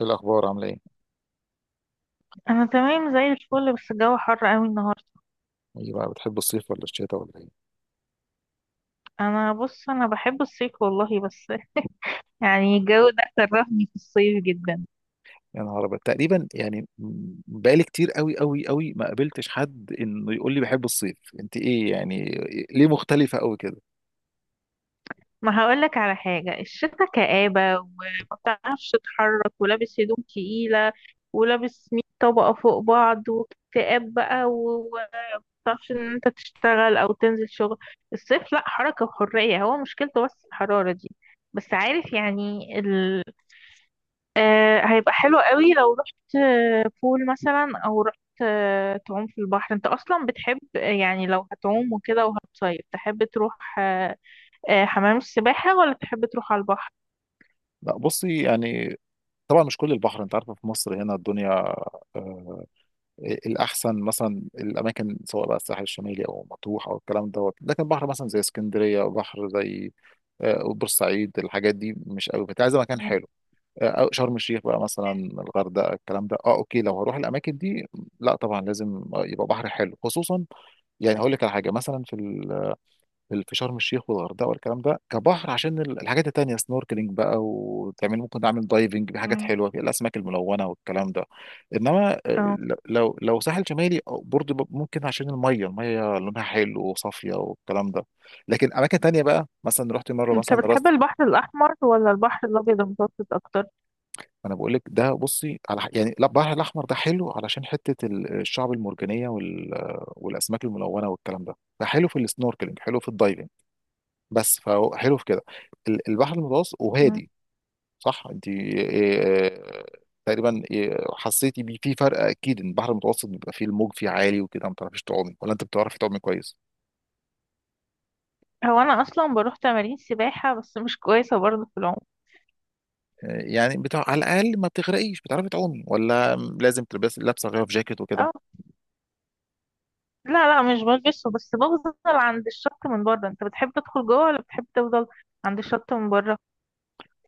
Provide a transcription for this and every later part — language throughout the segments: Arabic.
إيه الأخبار عاملة إيه؟ انا تمام زي الفل، بس الجو حر قوي النهارده. إيه بقى بتحب الصيف ولا الشتاء ولا إيه؟ انا بحب الصيف والله. بس يعني الجو ده كرهني في الصيف جدا. يا نهار أبيض، تقريبا يعني بقالي كتير أوي ما قابلتش حد إنه يقول لي بحب الصيف. أنت إيه يعني ليه مختلفة أوي كده؟ ما هقولك على حاجه، الشتا كآبه وما بتعرفش تتحرك، ولابس هدوم تقيله، ولابس 100 طبقه فوق بعض، واكتئاب بقى، وما بتعرفش ان انت تشتغل او تنزل شغل. الصيف لا، حركه وحريه، هو مشكلته بس الحراره دي. بس عارف يعني. هيبقى حلو قوي لو رحت، بول مثلا، او رحت، تعوم في البحر. انت اصلا بتحب، يعني لو هتعوم وكده وهتصيف تحب تروح، حمام السباحة، ولا تحب تروح على البحر؟ لا بصي يعني طبعا مش كل البحر، أنت عارفة في مصر هنا الدنيا، آه، الأحسن مثلا الأماكن، سواء بقى الساحل الشمالي أو مطروح أو الكلام دوت، لكن بحر مثلا زي اسكندرية، بحر زي آه بورسعيد، الحاجات دي مش أوي، فأنت عايزة مكان مم. حلو. أو شرم الشيخ بقى مثلا، الغردقه، الكلام ده. اه اوكي، لو هروح الاماكن دي لا طبعا لازم يبقى بحر حلو. خصوصا يعني هقول لك على حاجه، مثلا في في في شرم الشيخ والغردقه والكلام ده، كبحر، عشان الحاجات التانيه، سنوركلينج بقى، وتعمل ممكن تعمل دايفنج بحاجات مم. حلوه، في الاسماك الملونه والكلام ده. انما آه، اه، ل- لو لو ساحل شمالي أو برضه ممكن، عشان الميه، لونها حلو وصافيه والكلام ده. لكن اماكن تانيه بقى، مثلا رحت مره انت مثلا. بتحب البحر الاحمر ولا البحر الابيض المتوسط اكتر؟ انا بقول لك ده، بصي، على يعني لا، البحر الاحمر ده حلو علشان حته الشعب المرجانيه وال... والاسماك الملونه والكلام ده، ده حلو في السنوركلينج، حلو في الدايفنج، بس فهو حلو في كده. البحر المتوسط مم. وهادي، صح؟ انت تقريبا حسيتي بيه في فرق؟ اكيد ان البحر المتوسط بيبقى فيه الموج فيه عالي وكده، ما بتعرفيش تعومي. ولا انت بتعرفي تعومي كويس؟ هو انا اصلا بروح تمارين سباحة، بس مش كويسة برضه في العوم. يعني بتاع على الاقل ما بتغرقيش، بتعرفي تعومي ولا لازم تلبسي لابسه غير في جاكيت وكده؟ اه. لا لا، مش بلبسه، بس بفضل عند الشط من بره. انت بتحب تدخل جوه ولا بتحب تفضل عند الشط من بره؟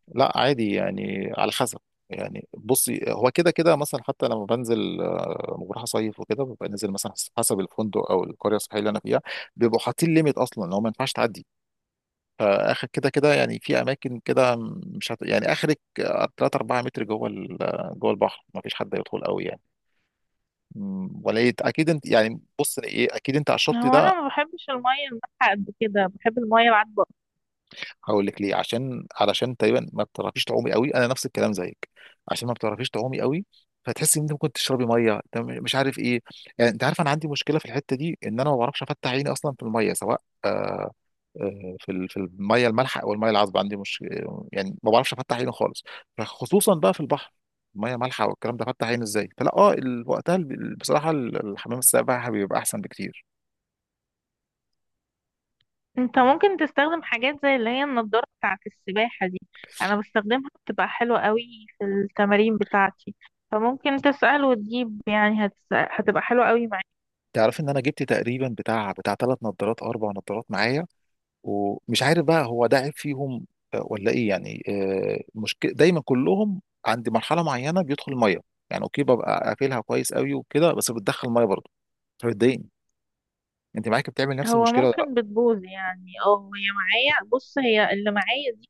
لا عادي، يعني على حسب. يعني بصي هو كده كده، مثلا حتى لما بنزل لما بروح اصيف وكده، ببقى نازل مثلا حسب الفندق او القريه السياحيه اللي انا فيها، بيبقوا حاطين ليميت اصلا لو ما ينفعش تعدي. فاخر كده كده يعني، في اماكن كده مش هت... يعني اخرك 3 4 متر جوه جوه البحر، ما فيش حد يدخل قوي يعني. اكيد انت يعني، بص ايه، اكيد انت على الشط هو ده. انا ما بحبش الميه المالحه قد كده، بحب الميه العذبه. هقول لك ليه، علشان تقريبا ما بتعرفيش تعومي قوي، انا نفس الكلام زيك، عشان ما بتعرفيش تعومي قوي، فتحسي ان انت ممكن تشربي ميه، انت مش عارف ايه. يعني انت عارف انا عندي مشكله في الحته دي، ان انا ما بعرفش افتح عيني اصلا في الميه، سواء في في الميه المالحه او الميه العذبه، عندي مش، يعني ما بعرفش افتح عيني خالص، فخصوصا بقى في البحر، ميه مالحه والكلام ده، فتح عيني ازاي؟ فلا وقتها بصراحه الحمام السباحه بيبقى احسن بكتير. انت ممكن تستخدم حاجات زي اللي هي النضاره بتاعه السباحه دي، انا بستخدمها بتبقى حلوه قوي في التمارين بتاعتي. فممكن تسأل وتجيب، يعني هتبقى حلوة قوي معاك. تعرف ان انا جبت تقريبا بتاع ثلاث نظارات او اربع نظارات معايا، ومش عارف بقى هو ده عيب فيهم ولا ايه، يعني مشكله دايما كلهم عند مرحله معينه بيدخل الميه. يعني اوكي، ببقى قافلها كويس قوي وكده، بس بتدخل الميه برضه، فبتضايقني. انت معاك بتعمل نفس هو المشكله ولا لا؟ ممكن بتبوظ يعني. اه، هي معايا، بص هي اللي معايا دي.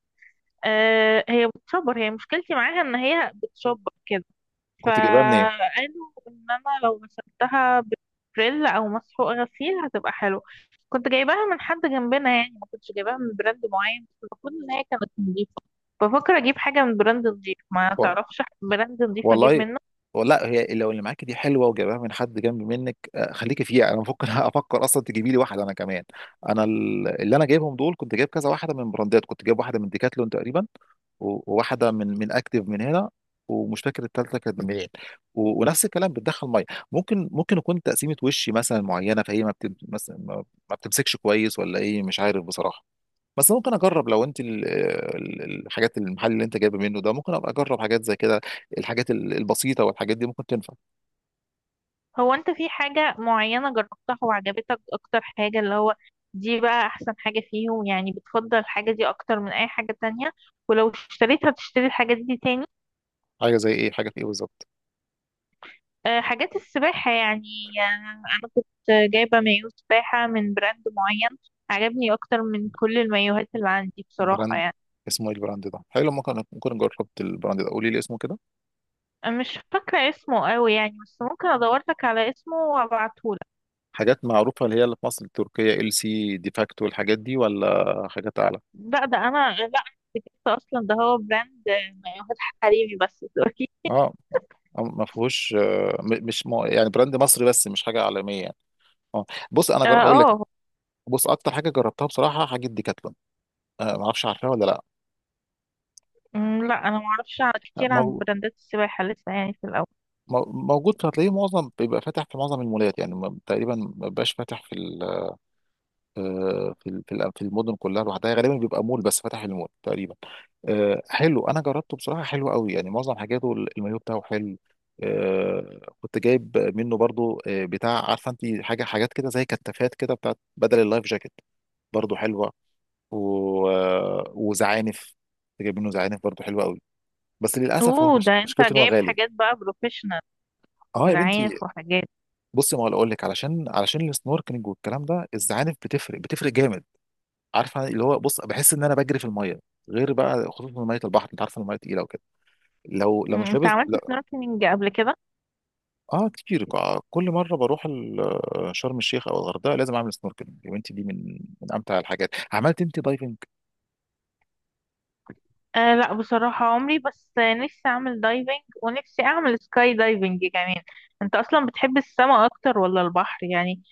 آه، هي بتشبر. هي مشكلتي معاها ان هي بتشبر كده. كنت جايبها منين؟ فقالوا ان انا لو غسلتها بفريل او مسحوق غسيل هتبقى حلو. كنت جايباها من حد جنبنا يعني، ما كنتش جايباها من براند معين، بس المفروض ان هي كانت نظيفه. بفكر اجيب حاجه من براند نظيف. ما تعرفش براند نظيف اجيب والله منه؟ لا، هي لو اللي معاكي دي حلوه وجايبها من حد جنب منك، خليكي فيها، انا ممكن افكر اصلا تجيبي لي واحده انا كمان. انا اللي انا جايبهم دول، كنت جايب كذا واحده من براندات، كنت جايب واحده من ديكاتلون تقريبا، وواحده من اكتيف من هنا، ومش فاكر الثالثه كانت من منين، ونفس الكلام، بتدخل ميه. ممكن يكون تقسيمه وشي مثلا معينه، فهي ما بتمسكش كويس ولا ايه، مش عارف بصراحه. بس ممكن اجرب لو انت الحاجات، المحل اللي انت جايبه منه ده، ممكن ابقى اجرب حاجات زي كده، الحاجات البسيطه والحاجات دي ممكن تنفع. هو انت في حاجه معينه جربتها وعجبتك اكتر حاجه، اللي هو دي بقى احسن حاجه فيهم يعني، بتفضل الحاجه دي اكتر من اي حاجه تانية، ولو اشتريتها تشتري الحاجه دي تاني؟ حاجه زي ايه؟ حاجه في ايه بالظبط؟ حاجات السباحة يعني. آه، أنا كنت جايبة مايو سباحة من براند معين، عجبني أكتر من كل المايوهات اللي عندي براند بصراحة يعني. اسمه ايه البراند ده حلو؟ ممكن، جربت البراند ده قولي لي اسمه كده. أنا مش فاكرة اسمه قوي يعني، بس ممكن أدورلك على اسمه وأبعتهولك. حاجات معروفه، اللي هي اللي في مصر، التركيه ال سي ديفاكتو، الحاجات دي ولا حاجات اعلى؟ لا، ده أنا لا، ده أصلا ده هو براند، مايوهات حريمي بس دلوقتي. اه ما فيهوش آه، م- مش م- يعني براند مصري بس مش حاجه عالميه يعني. اه، بص انا اه. هقول لك، آه. بص اكتر حاجه جربتها بصراحه، حاجه ديكاتلون. آه، ما اعرفش، عارفها ولا لا؟ لا، أنا معرفش كتير ما عن هو براندات السباحة لسه، يعني في الأول. موجود، هتلاقيه معظم بيبقى فاتح في معظم المولات، يعني تقريبا ما بيبقاش فاتح في ال، في في المدن كلها لوحدها، غالبا بيبقى مول بس فاتح في المول تقريبا. حلو، انا جربته بصراحه، حلو قوي يعني، معظم حاجاته المايو بتاعه حلو. كنت جايب منه برضو بتاع، عارفه انت حاجه، حاجات كده زي كتافات كده بتاعت بدل اللايف جاكيت، برضو حلوه، و... وزعانف، كنت جايب منه زعانف برضو حلوه قوي، بس للاسف هو اوه، ده مش... انت مشكلته ان هو جايب غالي. حاجات بقى بروفيشنال، اه يا بنتي. زعانف وحاجات. بصي ما اقول لك، علشان السنوركلينج والكلام ده، الزعانف بتفرق جامد، عارفه، اللي هو بص بحس ان انا بجري في الميه، غير بقى خصوصا ميه البحر، انت عارفه الميه تقيله وكده، لو مش انت لابس، عملت لا. سنوركلينج قبل كده؟ اه كتير، كل مره بروح شرم الشيخ او الغردقه لازم اعمل سنوركلينج، يا بنتي دي من امتع الحاجات. عملت انت دايفنج؟ أه لا بصراحة عمري، بس نفسي أعمل دايفنج ونفسي أعمل سكاي دايفنج كمان. أنت أصلا بتحب السما أكتر ولا البحر يعني؟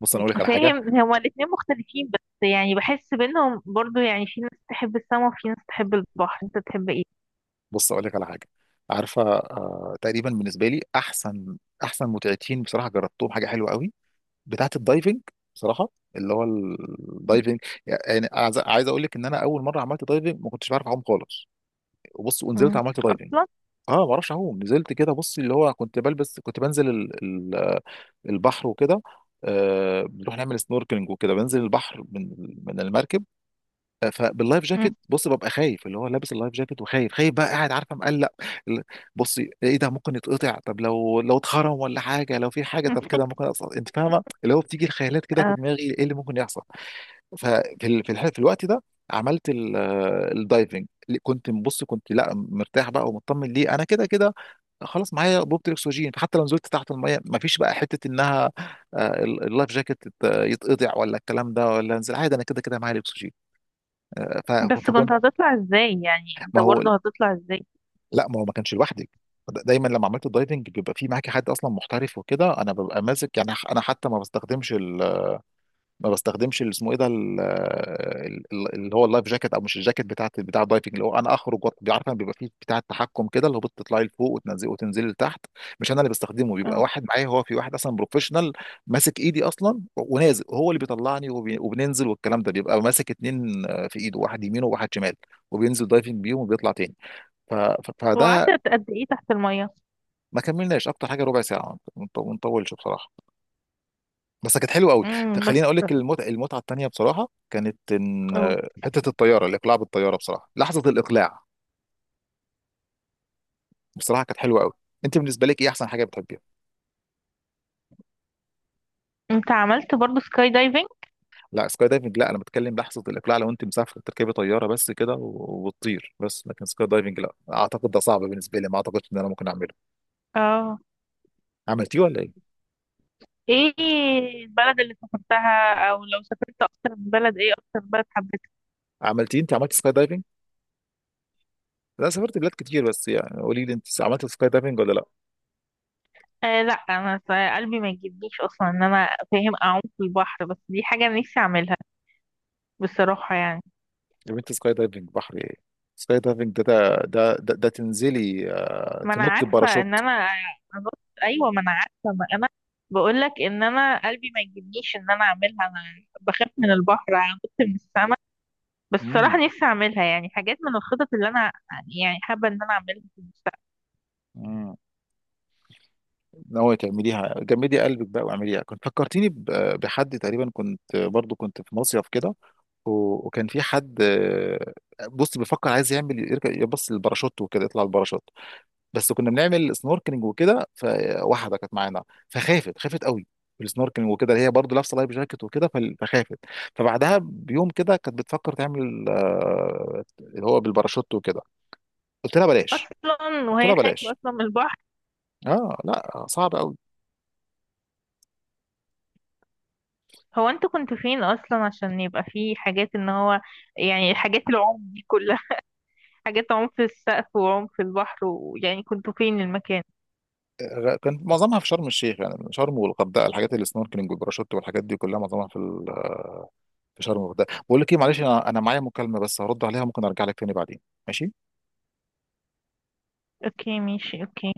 بص انا اقول لك على حاجه، فاهم هما الاتنين مختلفين بس، يعني بحس بينهم برضو. يعني في ناس تحب السما وفي ناس تحب البحر، أنت تحب إيه؟ بص اقول لك على حاجه، عارفه آه، تقريبا بالنسبه لي احسن، احسن متعتين بصراحه جربتهم، حاجه حلوه قوي، بتاعه الدايفنج بصراحه، اللي هو الدايفنج. يعني عايز اقول لك ان انا اول مره عملت دايفنج ما كنتش بعرف اعوم خالص، وبص ونزلت مم. عملت دايفنج. أصلا. اه، ما اعرفش اعوم، نزلت كده بص، اللي هو كنت بلبس، كنت بنزل البحر وكده، آه، بنروح نعمل سنوركلينج وكده، بنزل البحر من المركب، فباللايف جاكيت مم. بص، ببقى خايف، اللي هو لابس اللايف جاكيت، وخايف، بقى قاعد، عارفه، مقلق ال- بصي، ايه ده ممكن يتقطع، طب لو اتخرم، ولا حاجه، لو في حاجه، طب كده ممكن، أصلا انت فاهمه، اللي هو بتيجي الخيالات كده في أه. دماغي، ايه اللي ممكن يحصل. ففي في الوقت ده عملت الدايفنج، كنت بص، كنت لا مرتاح بقى ومطمن، ليه؟ انا كده كده خلاص معايا بوبة الاكسجين، فحتى لو نزلت تحت الميه، ما فيش بقى حته انها اللايف جاكيت يتقطع ولا الكلام ده، ولا انزل عادي، انا كده كده معايا الاكسجين. آه، ف- بس كنت فكنت، هتطلع إزاي يعني، أنت ما هو برضو هتطلع إزاي؟ لا، ما هو ما كانش لوحدي. دايما لما عملت الدايفنج بيبقى في معاكي حد اصلا محترف وكده، انا ببقى ماسك، يعني انا حتى ما بستخدمش اللي اسمه ايه ده اللي هو اللايف جاكيت، او مش الجاكيت، بتاع الدايفنج، اللي هو انا اخرج عارفه بيبقى فيه بتاع التحكم كده، اللي هو بتطلعي لفوق، وتنزلي لتحت، مش انا اللي بستخدمه، بيبقى آه. واحد معايا، هو في واحد اصلا بروفيشنال ماسك ايدي اصلا ونازل، هو اللي بيطلعني وبننزل والكلام ده، بيبقى ماسك اتنين في ايده، واحد يمين وواحد شمال، وبينزل دايفنج بيهم وبيطلع تاني. فده، وقعدت قد إيه تحت المية؟ ما كملناش اكتر حاجه، ربع ساعه، ما نطولش بصراحه، بس كانت حلوه قوي. مم. بس. خليني اقول لك المتعه، المتعه التانيه بصراحه كانت ان آه. حته الطياره، الاقلاع بالطياره بصراحه، لحظه الاقلاع بصراحه كانت حلوه قوي. انت بالنسبه لك ايه احسن حاجه بتحبيها؟ أنت عملت برضو سكاي دايفنج؟ لا سكاي دايفنج لا، انا بتكلم لحظه الاقلاع، لو انت مسافر تركبي طياره بس كده وتطير بس، لكن سكاي دايفنج لا اعتقد، ده صعب بالنسبه لي، ما اعتقدش ان انا ممكن اعمله. اه. عملتيه ولا ايه؟ ايه البلد اللي سافرتها، او لو سافرت اكتر من بلد ايه اكتر بلد حبيتها؟ عملتيه انت؟ عملت سكاي دايفنج؟ لا سافرت بلاد كتير، بس يعني قولي لي انت عملت سكاي دايفنج ولا لا؟ آه لا، انا قلبي ما يجيبنيش اصلا ان انا فاهم اعوم في البحر، بس دي حاجه نفسي اعملها بصراحه يعني. يا بنتي سكاي دايفنج بحر ايه؟ سكاي دايفنج ده ده تنزلي ما انا تنطي عارفه باراشوت. ان انا أنط... ايوه، ما انا عارفه، ما انا بقول لك ان انا قلبي ما يجيبنيش ان انا اعملها. انا بخاف من البحر انط من السماء؟ بس بصراحه امم. نفسي اعملها، يعني حاجات من الخطط اللي انا يعني حابه ان انا اعملها في المستقبل. امم. ناوية تعمليها؟ جمدي قلبك بقى واعمليها. كنت فكرتيني بحد، تقريبا كنت برضو كنت في مصيف كده، وكان في حد بص بيفكر، عايز يعمل يركب، يبص للباراشوت وكده، يطلع الباراشوت، بس كنا بنعمل سنوركلينج وكده، فواحده كانت معانا فخافت، خافت قوي في السنوركلينج وكده، هي برضو لابسه لايف جاكيت وكده، فخافت، فبعدها بيوم كده كانت بتفكر تعمل اللي هو بالباراشوت وكده. قلت لها بلاش. اصلا قلت وهي لها خايفه بلاش. اصلا من البحر. اه لا صعب قوي. هو انتوا كنتوا فين اصلا عشان يبقى في حاجات ان هو يعني حاجات العمق دي كلها؟ حاجات عمق في السقف وعمق في البحر، ويعني كنتوا فين المكان؟ كان معظمها في شرم الشيخ، يعني شرم والغردقه، الحاجات اللي السنوركلينج والباراشوت والحاجات دي كلها، معظمها في في شرم والغردقه. بقول لك ايه، معلش انا، انا معايا مكالمه بس هرد عليها، ممكن ارجع لك تاني بعدين؟ ماشي. اوكي ماشي، اوكي.